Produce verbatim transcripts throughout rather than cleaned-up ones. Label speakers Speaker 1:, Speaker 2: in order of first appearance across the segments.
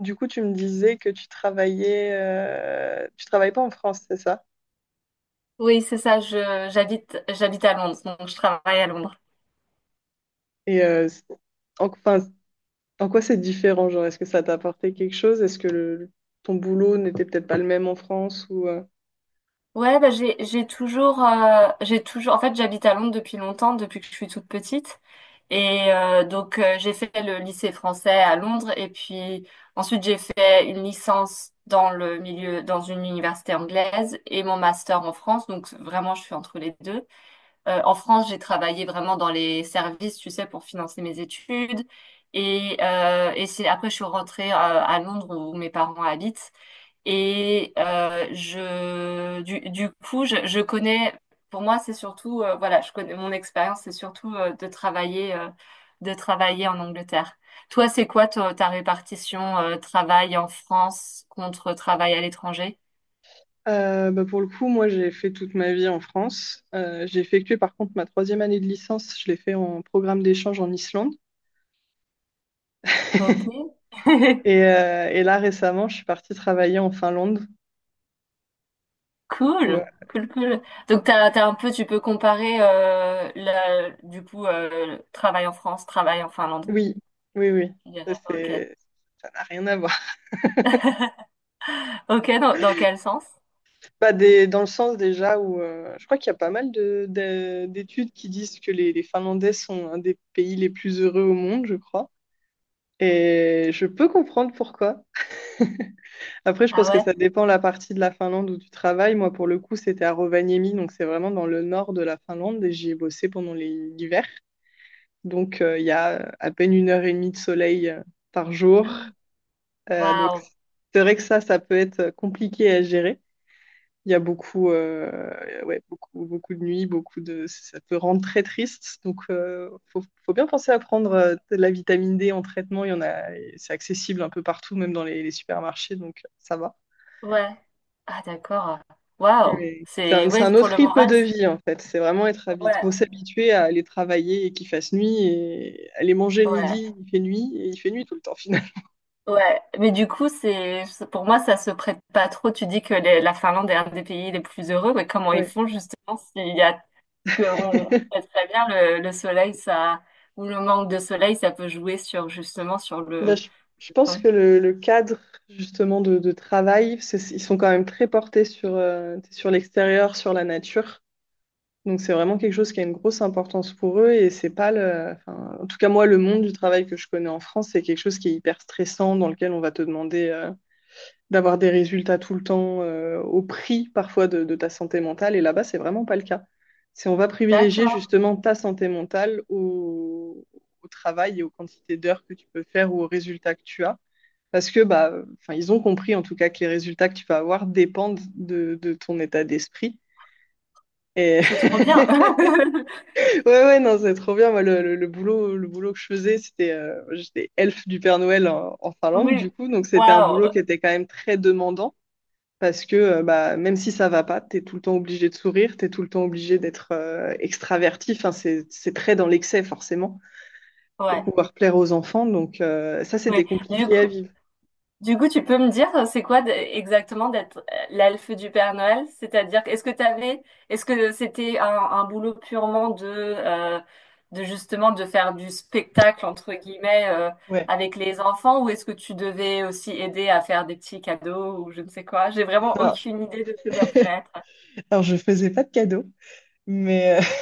Speaker 1: Du coup, tu me disais que tu travaillais, euh, tu travailles pas en France, c'est ça?
Speaker 2: Oui, c'est ça, je j'habite j'habite à Londres, donc je travaille à Londres.
Speaker 1: Et euh, c- en, enfin, en quoi c'est différent, genre, est-ce que ça t'a apporté quelque chose? Est-ce que le- ton boulot n'était peut-être pas le même en France ou euh
Speaker 2: Ouais, bah j'ai j'ai toujours, euh, j'ai toujours en fait j'habite à Londres depuis longtemps, depuis que je suis toute petite. Et euh, donc, euh, j'ai fait le lycée français à Londres et puis ensuite j'ai fait une licence dans le milieu dans une université anglaise et mon master en France, donc vraiment je suis entre les deux. Euh, en France, j'ai travaillé vraiment dans les services, tu sais, pour financer mes études. Et, euh, et c'est après, je suis rentrée euh, à Londres où mes parents habitent. Et euh, je, du, du coup, je, je connais, pour moi, c'est surtout, euh, voilà, je connais mon expérience, c'est surtout euh, de travailler, euh, de travailler en Angleterre. Toi, c'est quoi ta, ta répartition euh, travail en France contre travail à l'étranger?
Speaker 1: Euh, bah, pour le coup, moi, j'ai fait toute ma vie en France. Euh, j'ai effectué, par contre, ma troisième année de licence. Je l'ai fait en programme d'échange en Islande.
Speaker 2: Ok.
Speaker 1: Et, euh, et là, récemment, je suis partie travailler en Finlande. où, euh,
Speaker 2: Cool, cool, cool. Donc t'as, t'as un peu, tu peux comparer euh, la- du coup, euh, travail en France, travail en Finlande,
Speaker 1: oui, oui, oui.
Speaker 2: tu dirais.
Speaker 1: Ça,
Speaker 2: Ok,
Speaker 1: C'est, Ça n'a rien à voir.
Speaker 2: ok. Dans, dans quel sens?
Speaker 1: Bah, des- dans le sens déjà où euh, je crois qu'il y a pas mal de, de- d'études qui disent que les, les Finlandais sont un des pays les plus heureux au monde, je crois. Et je peux comprendre pourquoi. Après, je
Speaker 2: Ah
Speaker 1: pense que
Speaker 2: ouais.
Speaker 1: ça dépend la partie de la Finlande où tu travailles. Moi, pour le coup, c'était à Rovaniemi, donc c'est vraiment dans le nord de la Finlande et j'y ai bossé pendant les- l'hiver. Donc, euh, il y a à peine une heure et demie de soleil euh, par jour. Euh, donc,
Speaker 2: Waouh.
Speaker 1: c'est vrai que ça, ça peut être compliqué à gérer. Il y a beaucoup, euh, ouais, beaucoup, beaucoup de nuits, beaucoup de, ça peut rendre très triste. Donc, euh, faut, faut bien penser à prendre euh, de la vitamine dé en traitement. Il y en a, c'est accessible un peu partout, même dans les, les supermarchés, donc euh, ça va.
Speaker 2: Ouais. Ah d'accord. Waouh.
Speaker 1: Mais c'est un,
Speaker 2: C'est
Speaker 1: c'est
Speaker 2: ouais
Speaker 1: un
Speaker 2: pour
Speaker 1: autre
Speaker 2: le
Speaker 1: rythme
Speaker 2: moral.
Speaker 1: de
Speaker 2: c'est-
Speaker 1: vie en fait. C'est vraiment être habitué. Faut
Speaker 2: Ouais.
Speaker 1: s'habituer à aller travailler et qu'il fasse nuit et aller manger le
Speaker 2: Ouais.
Speaker 1: midi, il fait nuit et il fait nuit tout le temps finalement.
Speaker 2: Ouais. Mais du coup c'est pour moi, ça se prête pas trop. Tu dis que les- la Finlande est un des pays les plus heureux, mais comment ils
Speaker 1: Ouais.
Speaker 2: font justement, s'il y a, que on sait très bien, le, le soleil, ça, ou le manque de soleil, ça peut jouer sur, justement sur
Speaker 1: Bah,
Speaker 2: le,
Speaker 1: je, je
Speaker 2: le
Speaker 1: pense
Speaker 2: temps.
Speaker 1: que le, le cadre justement de, de travail, c'est- ils sont quand même très portés sur, euh, sur l'extérieur, sur la nature. Donc c'est vraiment quelque chose qui a une grosse importance pour eux et c'est pas le, enfin, en tout cas moi, le monde du travail que je connais en France, c'est quelque chose qui est hyper stressant, dans lequel on va te demander euh, d'avoir des résultats tout le temps, euh, au prix parfois de, de ta santé mentale. Et là-bas, c'est vraiment pas le cas. C'est on va privilégier
Speaker 2: D'accord,
Speaker 1: justement ta santé mentale au, au travail et aux quantités d'heures que tu peux faire ou aux résultats que tu as. Parce que bah, enfin, ils ont compris en tout cas que les résultats que tu vas avoir dépendent de, de ton état d'esprit. Et
Speaker 2: c'est trop bien.
Speaker 1: ouais, ouais, non, c'est trop bien. Moi, le, le- le boulot, le boulot que je faisais, c'était, euh, j'étais elfe du Père Noël en, en Finlande,
Speaker 2: Oui,
Speaker 1: du coup. Donc, c'était un boulot
Speaker 2: waouh,
Speaker 1: qui était quand même très demandant parce que, euh, bah, même si ça va pas, t'es tout le temps obligé de sourire, t'es tout le temps obligé d'être euh, extraverti. Enfin, c'est, c'est très dans l'excès, forcément, pour
Speaker 2: ouais,
Speaker 1: pouvoir plaire aux enfants. Donc, euh, ça, c'était
Speaker 2: ouais. Du
Speaker 1: compliqué à
Speaker 2: coup.
Speaker 1: vivre.
Speaker 2: Du coup, tu peux me dire, euh, c'est quoi d- exactement d'être euh, l'elfe du Père Noël? C'est-à-dire, est-ce que t'avais, est-ce que c'était un, un boulot purement de, euh, de justement de faire du spectacle entre guillemets, euh,
Speaker 1: Ouais.
Speaker 2: avec les enfants, ou est-ce que tu devais aussi aider à faire des petits cadeaux ou je ne sais quoi? J'ai vraiment
Speaker 1: Non.
Speaker 2: aucune idée de ce que ça pourrait être.
Speaker 1: Alors, je faisais pas de cadeaux. Mais, euh,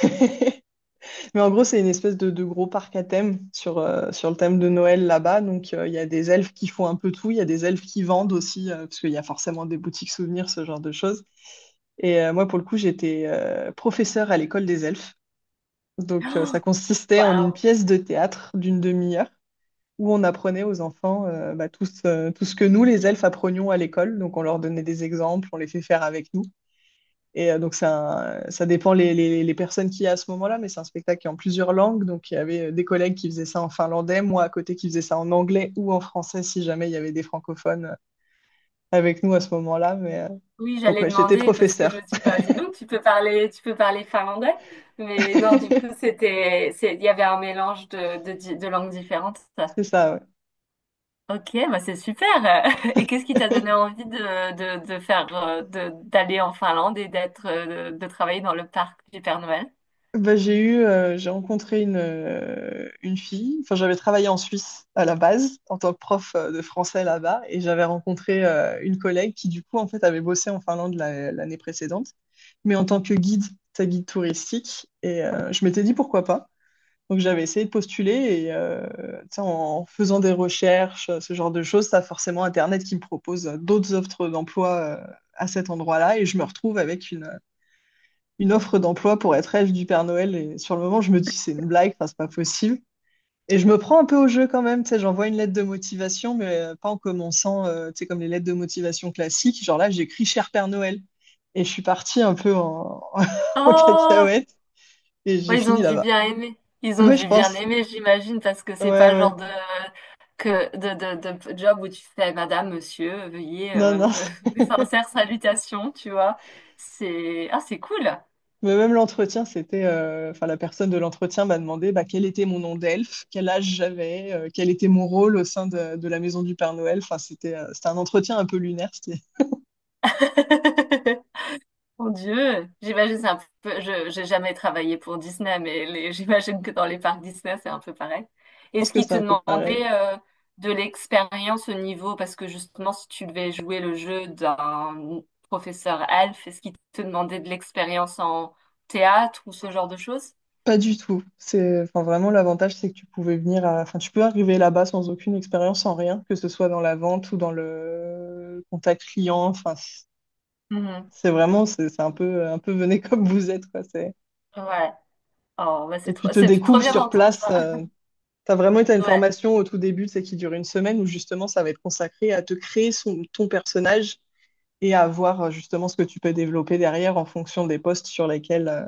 Speaker 1: mais en gros, c'est une espèce de, de gros parc à thème sur, euh, sur le thème de Noël là-bas. Donc, euh, il y a des elfes qui font un peu tout. Il y a des elfes qui vendent aussi, euh, parce qu'il y a forcément des boutiques souvenirs, ce genre de choses. Et euh, moi, pour le coup, j'étais euh, professeure à l'école des elfes. Donc, euh, ça consistait en une
Speaker 2: Waouh!
Speaker 1: pièce de théâtre d'une demi-heure où on apprenait aux enfants euh, bah, tout, ce- tout ce que nous, les elfes, apprenions à l'école. Donc, on leur donnait des exemples, on les fait faire avec nous. Et euh, donc, c'est un- ça dépend les, les- les personnes qu'il y a à ce moment-là, mais c'est un spectacle qui est en plusieurs langues. Donc, il y avait euh, des collègues qui faisaient ça en finlandais, moi à côté qui faisais ça en anglais ou en français si jamais il y avait des francophones euh, avec nous à ce moment-là. Mais, euh,
Speaker 2: Oui,
Speaker 1: Donc,
Speaker 2: j'allais
Speaker 1: ouais, j'étais
Speaker 2: demander parce que je me
Speaker 1: professeur.
Speaker 2: suis dit, bah, dis donc, tu peux parler, tu peux parler finlandais. Mais non, du coup, c'était, c'est, il y avait un mélange de, de, di- de langues différentes.
Speaker 1: C'est ça, ouais.
Speaker 2: Ok, bah, c'est super. Et qu'est-ce qui t'a donné envie de, de, de faire, euh, de, d'aller en Finlande et d'être, euh, de, de travailler dans le parc du Père Noël?
Speaker 1: Bah, j'ai eu, euh, j'ai rencontré une, euh, une fille. Enfin, j'avais travaillé en Suisse à la base en tant que prof euh, de français là-bas, et j'avais rencontré euh, une collègue qui du coup en fait avait bossé en Finlande la- l'année précédente, mais en tant que guide, sa guide touristique. Et euh, je m'étais dit pourquoi pas. Donc j'avais essayé de postuler et euh, tu sais, en faisant des recherches, euh, ce genre de choses, ça forcément Internet qui me propose euh, d'autres offres d'emploi euh, à cet endroit-là, et je me retrouve avec une offre d'emploi pour être elfe du Père Noël. Et sur le moment, je me dis, c'est une blague, enfin, c'est pas possible. Et je me prends un peu au jeu quand même, tu sais, j'envoie une lettre de motivation, mais euh, pas en commençant, euh, tu sais, comme les lettres de motivation classiques. Genre là, j'écris Cher Père Noël. Et je suis partie un peu en, en cacahuète et j'ai
Speaker 2: Ouais, ils ont
Speaker 1: fini
Speaker 2: dû
Speaker 1: là-bas.
Speaker 2: bien aimer. Ils ont
Speaker 1: Oui, je
Speaker 2: dû bien
Speaker 1: pense.
Speaker 2: aimer, j'imagine, parce que
Speaker 1: Ouais,
Speaker 2: c'est pas le genre
Speaker 1: ouais.
Speaker 2: de, que, de, de, de job où tu fais: Madame, Monsieur, veuillez,
Speaker 1: Non,
Speaker 2: euh,
Speaker 1: non.
Speaker 2: mes sincères salutations, tu vois. C'est, ah, c'est cool.
Speaker 1: Mais même l'entretien, c'était, euh, enfin, la personne de l'entretien m'a demandé bah, quel était mon nom d'elfe, quel âge j'avais, euh, quel était mon rôle au sein de, de la maison du Père Noël. Enfin, c'était, euh, c'était un entretien un peu lunaire. c'était- Je
Speaker 2: Mon Dieu, j'imagine c'est un peu. Je j'ai jamais travaillé pour Disney, mais les- j'imagine que dans les parcs Disney c'est un peu pareil.
Speaker 1: pense
Speaker 2: Est-ce
Speaker 1: que
Speaker 2: qu'ils
Speaker 1: c'est
Speaker 2: te
Speaker 1: un peu pareil.
Speaker 2: demandaient euh, de l'expérience au niveau, parce que justement si tu devais jouer le jeu d'un professeur Alf, est-ce qu'ils te demandaient de l'expérience en théâtre ou ce genre de choses?
Speaker 1: Pas du tout. C'est, enfin, vraiment, l'avantage, c'est que tu pouvais venir à- enfin, tu peux arriver là-bas sans aucune expérience, sans rien, que ce soit dans la vente ou dans le contact client. Enfin, c-
Speaker 2: Mhm.
Speaker 1: c'est vraiment, c'est c'est un peu, un peu venez comme vous êtes, quoi. C'est...
Speaker 2: Ouais. Oh, bah c'est
Speaker 1: Et tu
Speaker 2: trop,
Speaker 1: te
Speaker 2: c'est trop
Speaker 1: découvres
Speaker 2: bien
Speaker 1: sur
Speaker 2: d'entendre
Speaker 1: place.
Speaker 2: ça.
Speaker 1: euh, T'as vraiment été à une
Speaker 2: Ouais,
Speaker 1: formation au tout début, c'est qui dure une semaine, où justement ça va être consacré à te créer son- ton personnage et à voir euh, justement ce que tu peux développer derrière en fonction des postes sur lesquels euh,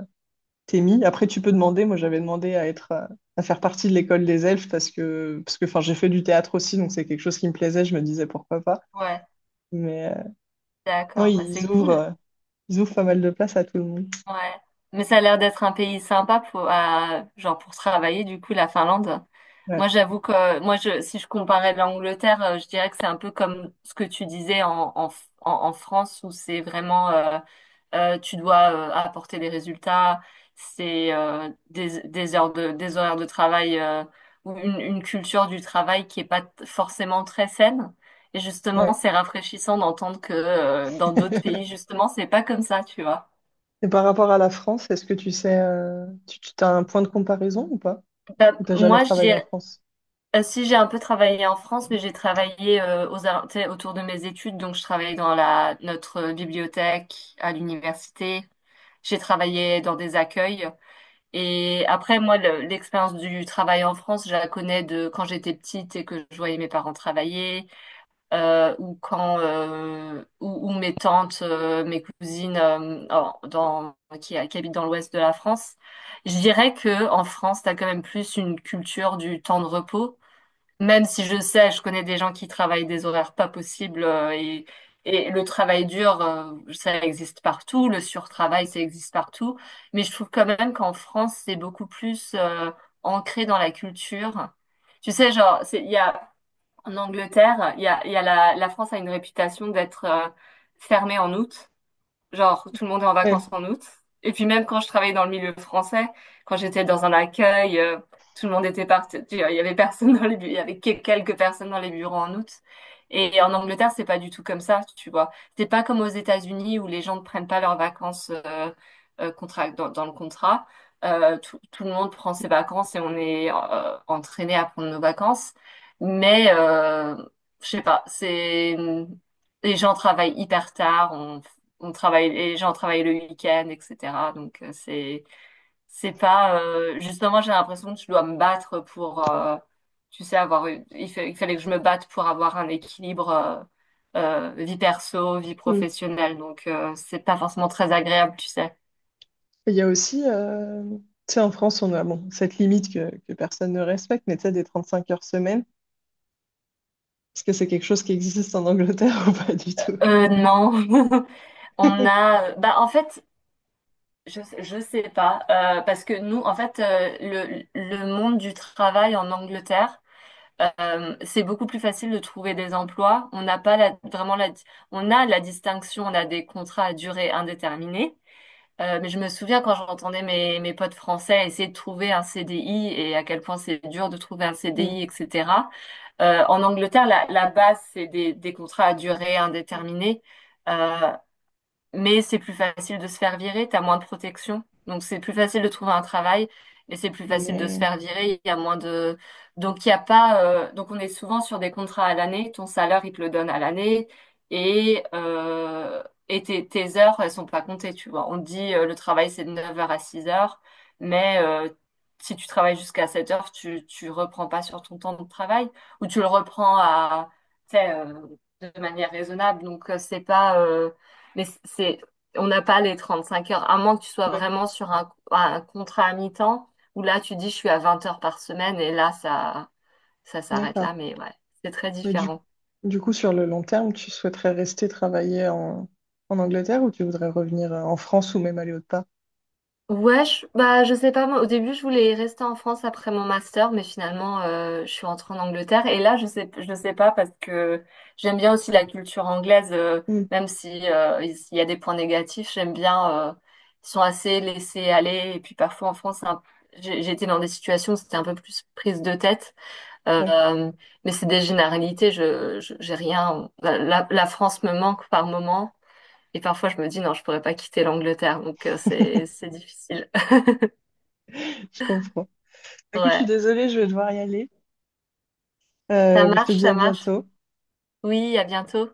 Speaker 1: t'es mis. Après, tu peux demander, moi j'avais demandé à être, euh, à faire partie de l'école des elfes parce que, parce que enfin, j'ai fait du théâtre aussi, donc c'est quelque chose qui me plaisait, je me disais pourquoi pas.
Speaker 2: ouais,
Speaker 1: Mais euh, non,
Speaker 2: d'accord, bah
Speaker 1: ils
Speaker 2: c'est
Speaker 1: ouvrent,
Speaker 2: cool.
Speaker 1: euh, ils ouvrent pas mal de place à tout le monde.
Speaker 2: Ouais. Mais ça a l'air d'être un pays sympa pour, à- genre pour travailler, du coup, la Finlande.
Speaker 1: Ouais.
Speaker 2: Moi, j'avoue que, moi, je, si je comparais l'Angleterre, euh, je dirais que c'est un peu comme ce que tu disais en, en, F- en, en France, où c'est vraiment, euh, euh, tu dois euh, apporter des résultats, c'est euh, des, des heures de, des horaires de travail, euh, ou une, une culture du travail qui est pas t- forcément très saine. Et justement,
Speaker 1: Ouais.
Speaker 2: c'est rafraîchissant d'entendre que euh, dans d'autres pays, justement, c'est pas comme ça, tu vois.
Speaker 1: Et par rapport à la France, est-ce que tu sais, euh, tu, tu as un point de comparaison ou pas?
Speaker 2: Bah,
Speaker 1: Ou t'as jamais
Speaker 2: moi,
Speaker 1: travaillé en
Speaker 2: j'ai,
Speaker 1: France?
Speaker 2: euh, si j'ai un peu travaillé en France, mais j'ai travaillé euh, aux, ar- tu sais, autour de mes études. Donc, je travaillais dans la, notre euh, bibliothèque à l'université. J'ai travaillé dans des accueils. Et après, moi, le- l'expérience du travail en France, je la connais de quand j'étais petite et que je voyais mes parents travailler, euh, ou quand, euh, ou, ou mes tantes, euh, mes cousines, euh, en- dans, qui, qui habitent dans l'ouest de la France. Je dirais que en France, t'as quand même plus une culture du temps de repos. Même si je sais, je connais des gens qui travaillent des horaires pas possibles, euh, et, et le travail dur, euh, ça existe partout, le surtravail, ça existe partout. Mais je trouve quand même qu'en France, c'est beaucoup plus euh, ancré dans la culture. Tu sais, genre, c'est- il y a, en Angleterre, il y a, il y a la, la France a une réputation d'être euh, fermée en août. Genre, tout le monde est en vacances en août. Et puis même quand je travaillais dans le milieu français, quand j'étais dans un accueil, euh, tout le monde était parti, tu vois. Il y avait personne dans les bu- il y avait que- quelques personnes dans les bureaux en août. Et en Angleterre, c'est pas du tout comme ça, tu vois. C'est pas comme aux États-Unis où les gens ne prennent pas leurs vacances, euh, euh, contrat, dans, dans le contrat. Euh, tout, tout le monde prend ses vacances et on est euh, entraîné à prendre nos vacances. Mais euh, je sais pas, c'est, les gens travaillent hyper tard. On, on travaille, les gens travaillent le week-end, et cetera. Donc euh, c'est c'est pas, euh, justement j'ai l'impression que je dois me battre pour, euh, tu sais, avoir eu- il fa- il fallait que je me batte pour avoir un équilibre, euh, euh, vie perso, vie
Speaker 1: Mm.
Speaker 2: professionnelle. Donc euh, c'est pas forcément très agréable, tu sais.
Speaker 1: Il y a aussi, euh, tu sais, en France, on a bon, cette limite que, que personne ne respecte, mais tu sais, des trente-cinq heures semaine, est-ce que c'est quelque chose qui existe en Angleterre ou pas du tout?
Speaker 2: Euh, non, on a bah en fait. Je, je sais pas, euh, parce que nous, en fait, euh, le, le monde du travail en Angleterre. Euh, c'est beaucoup plus facile de trouver des emplois. On n'a pas la- vraiment la, on a la distinction, on a des contrats à durée indéterminée. Euh, mais je me souviens quand j'entendais mes, mes potes français essayer de trouver un C D I et à quel point c'est dur de trouver un
Speaker 1: Mm.
Speaker 2: C D I, et cetera. Euh, en Angleterre, la, la base, c'est des, des contrats à durée indéterminée. Euh, mais c'est plus facile de se faire virer, t'as moins de protection. Donc c'est plus facile de trouver un travail et c'est plus facile de se
Speaker 1: Mais,
Speaker 2: faire virer, il y a moins de... Donc il y a pas... euh, donc on est souvent sur des contrats à l'année, ton salaire, il te le donne à l'année et, euh, et tes, tes heures, elles sont pas comptées, tu vois. On te dit euh, le travail, c'est de neuf heures à six heures, mais euh, si tu travailles jusqu'à sept heures, tu, tu reprends pas sur ton temps de travail, ou tu le reprends à... tu sais, euh, de manière raisonnable. Donc euh, c'est pas... euh, mais c'est, on n'a pas les trente cinq heures, à moins que tu sois
Speaker 1: ouais,
Speaker 2: vraiment sur un, un contrat à mi-temps, où là, tu dis, je suis à vingt heures par semaine, et là, ça, ça s'arrête
Speaker 1: d'accord.
Speaker 2: là, mais ouais, c'est très
Speaker 1: Mais du,
Speaker 2: différent.
Speaker 1: du coup, sur le long terme, tu souhaiterais rester travailler en, en Angleterre ou tu voudrais revenir euh, en France ou même aller autre part?
Speaker 2: Ouais, je, bah, je sais pas, moi, au début, je voulais rester en France après mon master, mais finalement, euh, je suis rentrée en Angleterre. Et là, je sais, je sais pas parce que j'aime bien aussi la culture anglaise, euh,
Speaker 1: Mm.
Speaker 2: même si, euh, il y a des points négatifs, j'aime bien, euh, ils sont assez laissés aller. Et puis parfois en France, c'est un- j'ai j'ai été dans des situations où c'était un peu plus prise de tête,
Speaker 1: Ouais,
Speaker 2: euh, mais c'est des généralités, je, je- j'ai rien. La, la- la France me manque par moment. Et parfois, je me dis, non, je pourrais pas quitter l'Angleterre, donc euh, c'est c'est difficile.
Speaker 1: je comprends. Écoute, je suis
Speaker 2: Ouais.
Speaker 1: désolée, je vais devoir y aller.
Speaker 2: Ça
Speaker 1: Euh, je te
Speaker 2: marche,
Speaker 1: dis à
Speaker 2: ça marche.
Speaker 1: bientôt.
Speaker 2: Oui, à bientôt.